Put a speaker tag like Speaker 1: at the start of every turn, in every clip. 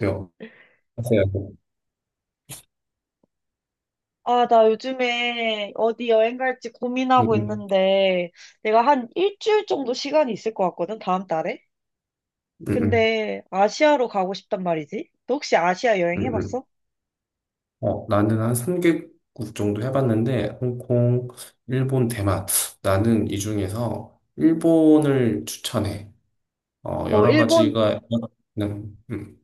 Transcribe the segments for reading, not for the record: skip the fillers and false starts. Speaker 1: 요 맞아요.
Speaker 2: 아, 나 요즘에 어디 여행 갈지
Speaker 1: 음,
Speaker 2: 고민하고
Speaker 1: 음,
Speaker 2: 있는데, 내가 한 일주일 정도 시간이 있을 것 같거든, 다음 달에?
Speaker 1: 음, 음,
Speaker 2: 근데 아시아로 가고 싶단 말이지? 너 혹시 아시아 여행
Speaker 1: 음.
Speaker 2: 해봤어?
Speaker 1: 나는 한 3개국 정도 해봤는데, 홍콩, 일본, 대만. 나는 이 중에서 일본을 추천해.
Speaker 2: 어,
Speaker 1: 여러
Speaker 2: 일본?
Speaker 1: 가지가, 음, 음.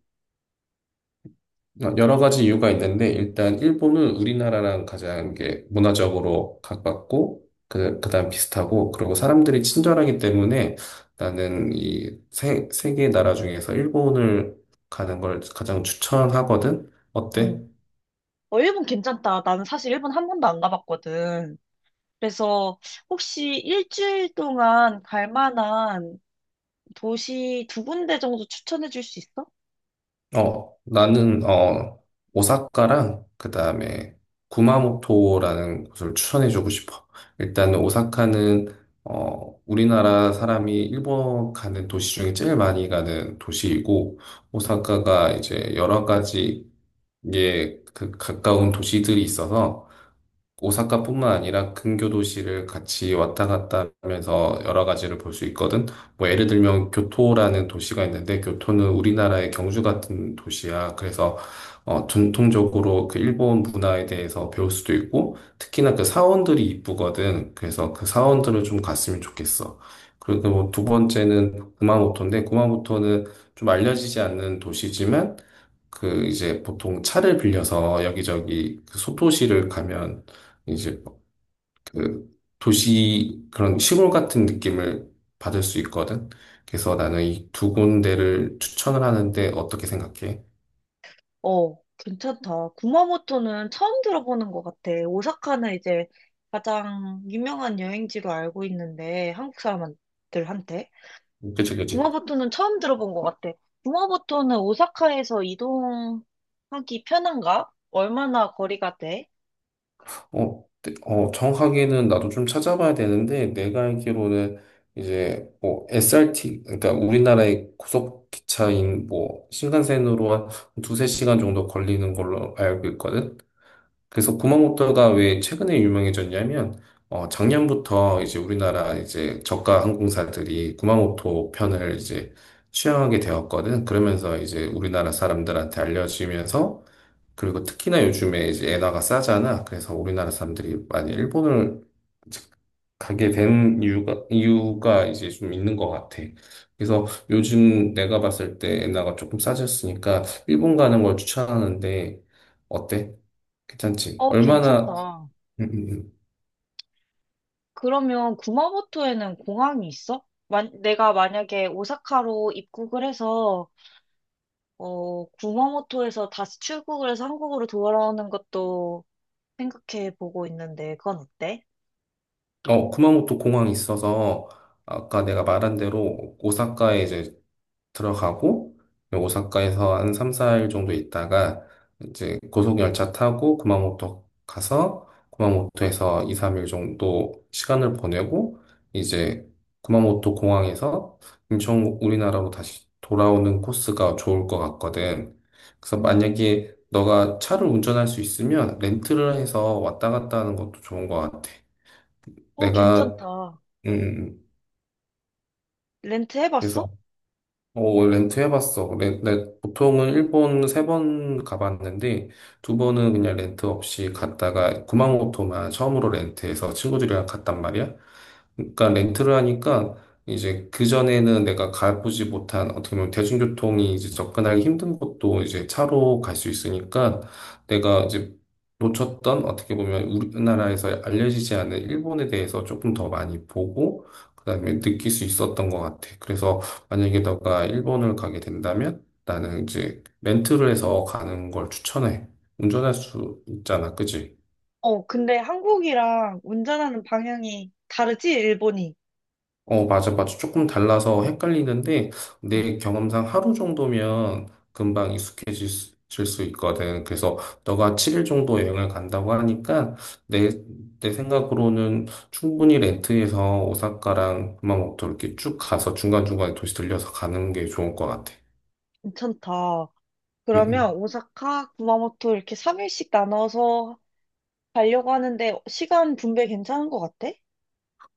Speaker 1: 여러 가지 이유가 있는데 일단 일본은 우리나라랑 가장 이게 문화적으로 가깝고 그 그다음 비슷하고 그리고 사람들이 친절하기 때문에 나는 이세 세 개의 나라 중에서 일본을 가는 걸 가장 추천하거든. 어때?
Speaker 2: 응. 어, 일본 괜찮다. 나는 사실 일본 한 번도 안 가봤거든. 그래서 혹시 일주일 동안 갈 만한 도시 두 군데 정도 추천해 줄 수 있어?
Speaker 1: 어, 나는, 어, 오사카랑, 그 다음에, 구마모토라는 곳을 추천해주고 싶어. 일단, 오사카는, 우리나라 사람이 일본 가는 도시 중에 제일 많이 가는 도시이고, 오사카가 이제 여러 가지, 예, 그 가까운 도시들이 있어서, 오사카뿐만 아니라 근교 도시를 같이 왔다 갔다 하면서 여러 가지를 볼 수 있거든. 뭐 예를 들면 교토라는 도시가 있는데 교토는 우리나라의 경주 같은 도시야. 그래서 전통적으로 그 일본 문화에 대해서 배울 수도 있고 특히나 그 사원들이 이쁘거든. 그래서 그 사원들을 좀 갔으면 좋겠어. 그리고 뭐두 번째는 구마모토인데 구마모토는 좀 알려지지 않는 도시지만 그 이제 보통 차를 빌려서 여기저기 그 소도시를 가면 이제 그 도시 그런 시골 같은 느낌을 받을 수 있거든. 그래서 나는 이 두 군데를 추천을 하는데 어떻게 생각해?
Speaker 2: 어, 괜찮다. 구마모토는 처음 들어보는 것 같아. 오사카는 이제 가장 유명한 여행지로 알고 있는데, 한국 사람들한테.
Speaker 1: 그치, 그치.
Speaker 2: 구마모토는 처음 들어본 것 같아. 구마모토는 오사카에서 이동하기 편한가? 얼마나 거리가 돼?
Speaker 1: 네, 정확하게는 나도 좀 찾아봐야 되는데 내가 알기로는 이제 뭐 SRT 그러니까 우리나라의 고속 기차인 뭐 신간센으로 한 두세 시간 정도 걸리는 걸로 알고 있거든. 그래서 구마모토가 왜 최근에 유명해졌냐면, 작년부터 이제 우리나라 이제 저가 항공사들이 구마모토 편을 이제 취항하게 되었거든. 그러면서 이제 우리나라 사람들한테 알려지면서, 그리고 특히나 요즘에 이제 엔화가 싸잖아. 그래서 우리나라 사람들이 많이 일본을 이제 가게 된 이유가 이제 좀 있는 것 같아. 그래서 요즘 내가 봤을 때 엔화가 조금 싸졌으니까 일본 가는 걸 추천하는데, 어때? 괜찮지.
Speaker 2: 어,
Speaker 1: 얼마나,
Speaker 2: 괜찮다.
Speaker 1: 음, 음, 음.
Speaker 2: 그러면 구마모토에는 공항이 있어? 만, 내가 만약에 오사카로 입국을 해서, 어, 구마모토에서 다시 출국을 해서 한국으로 돌아오는 것도 생각해 보고 있는데 그건 어때?
Speaker 1: 쿠마모토 공항이 있어서, 아까 내가 말한 대로, 오사카에 이제 들어가고 오사카에서 한 3, 4일 정도 있다가 이제 고속열차 타고 구마모토 가서 구마모토에서 2, 3일 정도 시간을 보내고 이제 구마모토 공항에서 인천 우리나라로 다시 돌아오는 코스가 좋을 것 같거든. 그래서
Speaker 2: 음,
Speaker 1: 만약에 너가 차를 운전할 수 있으면 렌트를 해서 왔다 갔다 하는 것도 좋은 것 같아.
Speaker 2: 어,
Speaker 1: 내가
Speaker 2: 괜찮다.
Speaker 1: 음
Speaker 2: 렌트
Speaker 1: 그래서
Speaker 2: 해봤어?
Speaker 1: 렌트 해봤어. 보통은 일본 세 번 가봤는데, 두 번은 그냥 렌트 없이 갔다가 구마모토만 처음으로 렌트해서 친구들이랑 갔단 말이야. 그러니까 렌트를 하니까 이제 그전에는 내가 가보지 못한 어떻게 보면 대중교통이 이제 접근하기 힘든 곳도 이제 차로 갈 수 있으니까 내가 이제 놓쳤던 어떻게 보면 우리나라에서 알려지지 않은 일본에 대해서 조금 더 많이 보고 그다음에 느낄 수 있었던 것 같아. 그래서 만약에 너가 일본을 가게 된다면 나는 이제 렌트를 해서 가는 걸 추천해. 운전할 수 있잖아, 그지?
Speaker 2: 어, 근데 한국이랑 운전하는 방향이 다르지? 일본이.
Speaker 1: 어, 맞아, 맞아. 조금 달라서
Speaker 2: 응.
Speaker 1: 헷갈리는데
Speaker 2: 응,
Speaker 1: 내 경험상 하루 정도면 금방 익숙해질 질수 있거든. 그래서 너가 7일 정도 여행을 간다고 하니까 내, 내 생각으로는 충분히 렌트해서 오사카랑 구마모토 이렇게 쭉 가서 중간중간에 도시 들려서 가는 게 좋을 것 같아.
Speaker 2: 괜찮다.
Speaker 1: 응,
Speaker 2: 그러면
Speaker 1: 응.
Speaker 2: 오사카, 구마모토 이렇게 3일씩 나눠서 가려고 하는데 시간 분배 괜찮은 것 같아?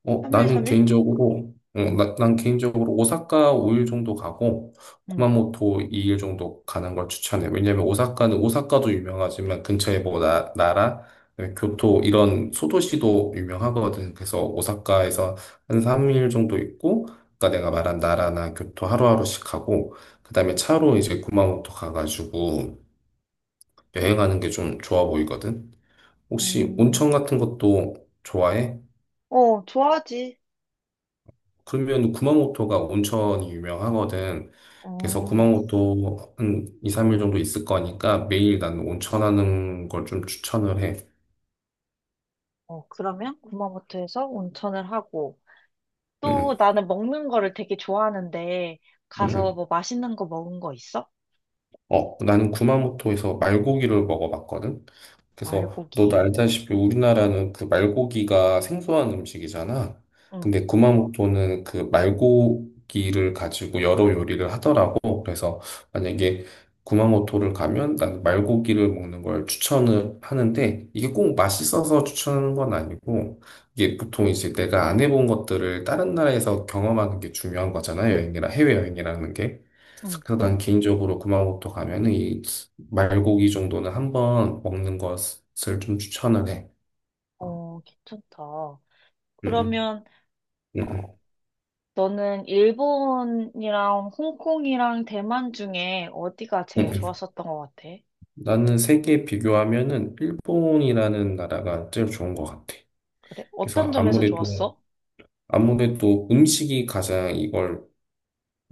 Speaker 1: 어,
Speaker 2: 3일,
Speaker 1: 나는
Speaker 2: 3일?
Speaker 1: 개인적으로, 어,
Speaker 2: 응,
Speaker 1: 나, 난 개인적으로 오사카 5일 정도 가고,
Speaker 2: 응.
Speaker 1: 구마모토 2일 정도 가는 걸 추천해. 왜냐면 오사카는 오사카도 유명하지만 근처에 뭐 나라, 그다음에 교토 이런 소도시도 유명하거든. 그래서 오사카에서 한 3일 정도 있고, 아까 내가 말한 나라나 교토 하루하루씩 하고, 그다음에 차로 이제 구마모토 가가지고 여행하는 게 좀 좋아 보이거든. 혹시
Speaker 2: 어,
Speaker 1: 온천 같은 것도 좋아해?
Speaker 2: 어, 좋아하지.
Speaker 1: 그러면 구마모토가 온천이 유명하거든. 그래서
Speaker 2: 어,
Speaker 1: 구마모토 한 2, 3일 정도 있을 거니까 매일 난 온천하는 걸 좀 추천을 해.
Speaker 2: 어, 그러면 구마모토에서 온천을 하고
Speaker 1: 응,
Speaker 2: 또 나는 먹는 거를 되게 좋아하는데
Speaker 1: 응.
Speaker 2: 가서
Speaker 1: 응.
Speaker 2: 뭐 맛있는 거 먹은 거 있어?
Speaker 1: 나는 구마모토에서 말고기를 먹어봤거든. 그래서 너도
Speaker 2: 알고기.
Speaker 1: 알다시피 우리나라는 그 말고기가 생소한 음식이잖아.
Speaker 2: 응,
Speaker 1: 근데 구마모토는 그 말고기를 가지고 여러 요리를 하더라고. 그래서 만약에 구마모토를 가면 난 말고기를 먹는 걸 추천을 하는데 이게 꼭 맛있어서 추천하는 건 아니고 이게 보통 이제 내가 안 해본 것들을 다른 나라에서 경험하는 게 중요한 거잖아. 여행이라 해외여행이라는 게.
Speaker 2: 응.
Speaker 1: 그래서 난 개인적으로 구마모토 가면은 이 말고기 정도는 한번 먹는 것을 좀 추천을 해. 어,
Speaker 2: 어, 괜찮다.
Speaker 1: 음,
Speaker 2: 그러면
Speaker 1: 음,
Speaker 2: 어,
Speaker 1: 음,
Speaker 2: 너는 일본이랑 홍콩이랑 대만 중에 어디가 제일
Speaker 1: 음.
Speaker 2: 좋았었던 것 같아?
Speaker 1: 나는 세계 비교하면은 일본이라는 나라가 제일 좋은 것 같아.
Speaker 2: 그래?
Speaker 1: 그래서
Speaker 2: 어떤 점에서
Speaker 1: 아무래도
Speaker 2: 좋았어?
Speaker 1: 음식이 가장 이걸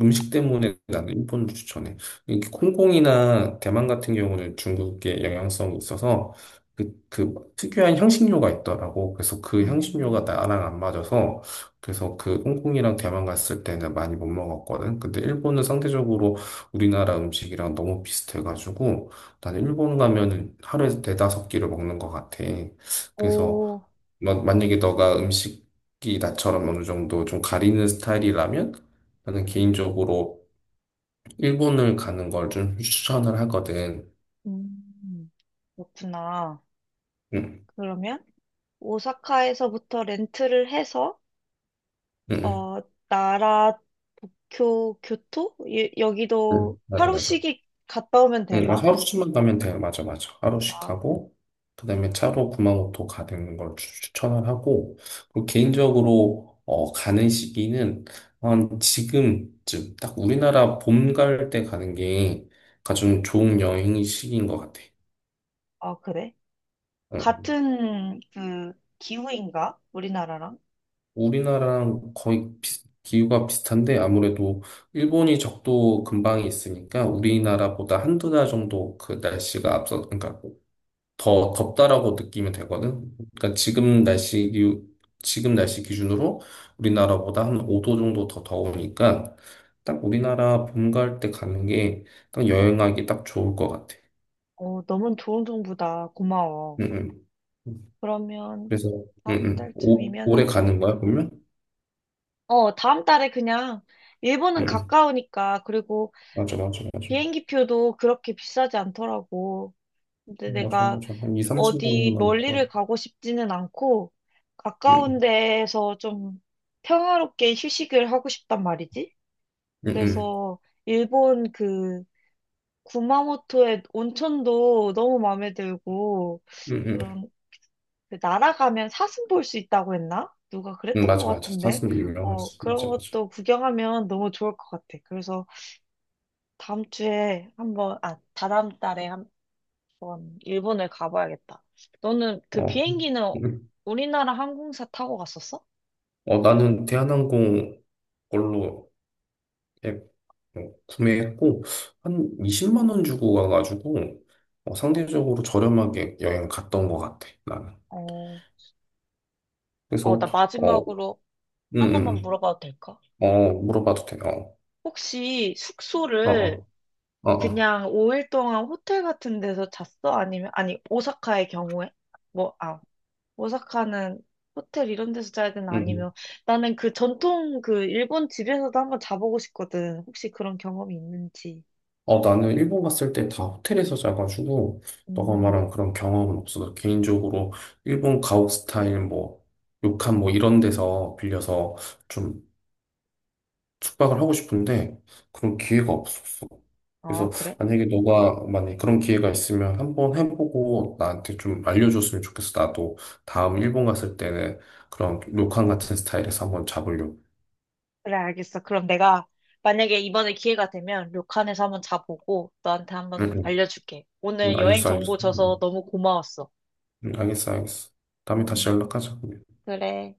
Speaker 1: 음식 때문에 나는 일본을 추천해. 이게 콩콩이나 대만 같은 경우는 중국의 영향성이 있어서 그 특유한 향신료가 있더라고. 그래서 그 향신료가
Speaker 2: 음,
Speaker 1: 나랑 안 맞아서 그래서 그 홍콩이랑 대만 갔을 때는 많이 못 먹었거든. 근데 일본은 상대적으로 우리나라 음식이랑 너무 비슷해가지고 나는
Speaker 2: 음.
Speaker 1: 일본 가면은 하루에 네다섯 끼를 먹는 것 같아. 그래서
Speaker 2: 오,
Speaker 1: 만약에 너가 음식이 나처럼 어느 정도 좀 가리는 스타일이라면 나는 개인적으로 일본을 가는 걸 좀 추천을 하거든.
Speaker 2: 음, 그렇구나.
Speaker 1: 응,
Speaker 2: 그러면 오사카에서부터 렌트를 해서
Speaker 1: 응, 응,
Speaker 2: 어, 나라, 도쿄, 교토?
Speaker 1: 응.
Speaker 2: 여기도
Speaker 1: 맞아, 맞아.
Speaker 2: 하루씩 갔다 오면
Speaker 1: 응, 맞아.
Speaker 2: 되나?
Speaker 1: 하루씩만 가면 돼. 맞아, 맞아. 하루씩
Speaker 2: 아,
Speaker 1: 가고, 그다음에 차로 구마모토 가는 걸 추천을 하고, 그리고 개인적으로 가는 시기는 한 지금쯤 딱 우리나라 봄 갈 때 가는 게 가장 좋은 여행 시기인 것 같아.
Speaker 2: 아, 그래?
Speaker 1: 응.
Speaker 2: 같은 그 기후인가? 우리나라랑?
Speaker 1: 우리나라랑 거의 기후가 비슷한데 아무래도 일본이 적도 근방에 있으니까 우리나라보다 한두 달 정도 그 날씨가 앞서, 그러니까 더 덥다라고 느끼면 되거든. 그러니까 지금 날씨 기준으로 우리나라보다 한 5도 정도 더 더우니까 딱 우리나라 봄 갈 때 가는 게 딱 여행하기 딱 좋을 것 같아.
Speaker 2: 어, 너무 좋은 정보다. 고마워.
Speaker 1: 응, 응.
Speaker 2: 그러면
Speaker 1: 그래서, 응,
Speaker 2: 다음
Speaker 1: 응. 올해
Speaker 2: 달쯤이면은
Speaker 1: 가는 거야, 그러면?
Speaker 2: 어, 다음 달에 그냥
Speaker 1: 응,
Speaker 2: 일본은
Speaker 1: 응.
Speaker 2: 가까우니까 그리고
Speaker 1: 맞아, 맞아, 맞아.
Speaker 2: 비행기 표도 그렇게 비싸지 않더라고. 근데
Speaker 1: 맞아,
Speaker 2: 내가
Speaker 1: 맞아. 한 2, 30만 원
Speaker 2: 어디
Speaker 1: 남구나.
Speaker 2: 멀리를 가고 싶지는 않고 가까운
Speaker 1: 응,
Speaker 2: 데에서 좀 평화롭게 휴식을 하고 싶단 말이지.
Speaker 1: 응, 응,
Speaker 2: 그래서 일본 그 구마모토의 온천도 너무 마음에 들고
Speaker 1: 응, 응.
Speaker 2: 그런 그 날아가면 사슴 볼 수 있다고 했나? 누가
Speaker 1: 응,
Speaker 2: 그랬던 것
Speaker 1: 맞아, 맞아.
Speaker 2: 같은데.
Speaker 1: 사슴이
Speaker 2: 어,
Speaker 1: 유명하지. 맞아,
Speaker 2: 그런
Speaker 1: 맞아.
Speaker 2: 것도 구경하면 너무 좋을 것 같아. 그래서 다음 주에 한번, 아, 다다음 달에 한번 일본을 가봐야겠다. 너는 그
Speaker 1: 어,
Speaker 2: 비행기는
Speaker 1: 응.
Speaker 2: 우리나라 항공사 타고 갔었어?
Speaker 1: 나는 대한항공 걸로 앱 구매했고, 한 20만 원 주고 가가지고, 상대적으로 저렴하게 여행 갔던 것 같아, 나는.
Speaker 2: 어, 어,
Speaker 1: 그래서,
Speaker 2: 나
Speaker 1: 어,
Speaker 2: 마지막으로
Speaker 1: 응,
Speaker 2: 하나만
Speaker 1: 응.
Speaker 2: 물어봐도 될까?
Speaker 1: 어, 물어봐도 돼. 어,
Speaker 2: 혹시
Speaker 1: 어,
Speaker 2: 숙소를
Speaker 1: 어, 어, 어.
Speaker 2: 그냥 5일 동안 호텔 같은 데서 잤어? 아니면, 아니, 오사카의 경우에? 뭐, 아, 오사카는 호텔 이런 데서 자야 되나?
Speaker 1: 응.
Speaker 2: 아니면 나는 그 전통 그 일본 집에서도 한번 자보고 싶거든. 혹시 그런 경험이 있는지.
Speaker 1: 나는 일본 갔을 때 다 호텔에서 자가지고, 너가
Speaker 2: 음,
Speaker 1: 말한 그런 경험은 없어. 개인적으로, 일본 가옥 스타일, 뭐, 료칸 뭐 이런 데서 빌려서 좀 숙박을 하고 싶은데, 그런 기회가 없어.
Speaker 2: 아,
Speaker 1: 그래서
Speaker 2: 그래?
Speaker 1: 만약에 그런 기회가 있으면 한번 해보고 나한테 좀 알려줬으면 좋겠어. 나도 다음 일본 갔을 때는 그런 료칸 같은 스타일에서 한번 잡으려고.
Speaker 2: 그래, 알겠어. 그럼 내가 만약에 이번에 기회가 되면 료칸에서 한번 자보고 너한테
Speaker 1: 응,
Speaker 2: 한번
Speaker 1: 응.
Speaker 2: 알려줄게.
Speaker 1: 응,
Speaker 2: 오늘 여행
Speaker 1: 알겠어,
Speaker 2: 정보
Speaker 1: 알겠어.
Speaker 2: 줘서
Speaker 1: 응,
Speaker 2: 너무 고마웠어.
Speaker 1: 응, 알겠어, 알겠어. 다음에 다시
Speaker 2: 음,
Speaker 1: 연락하자.
Speaker 2: 그래.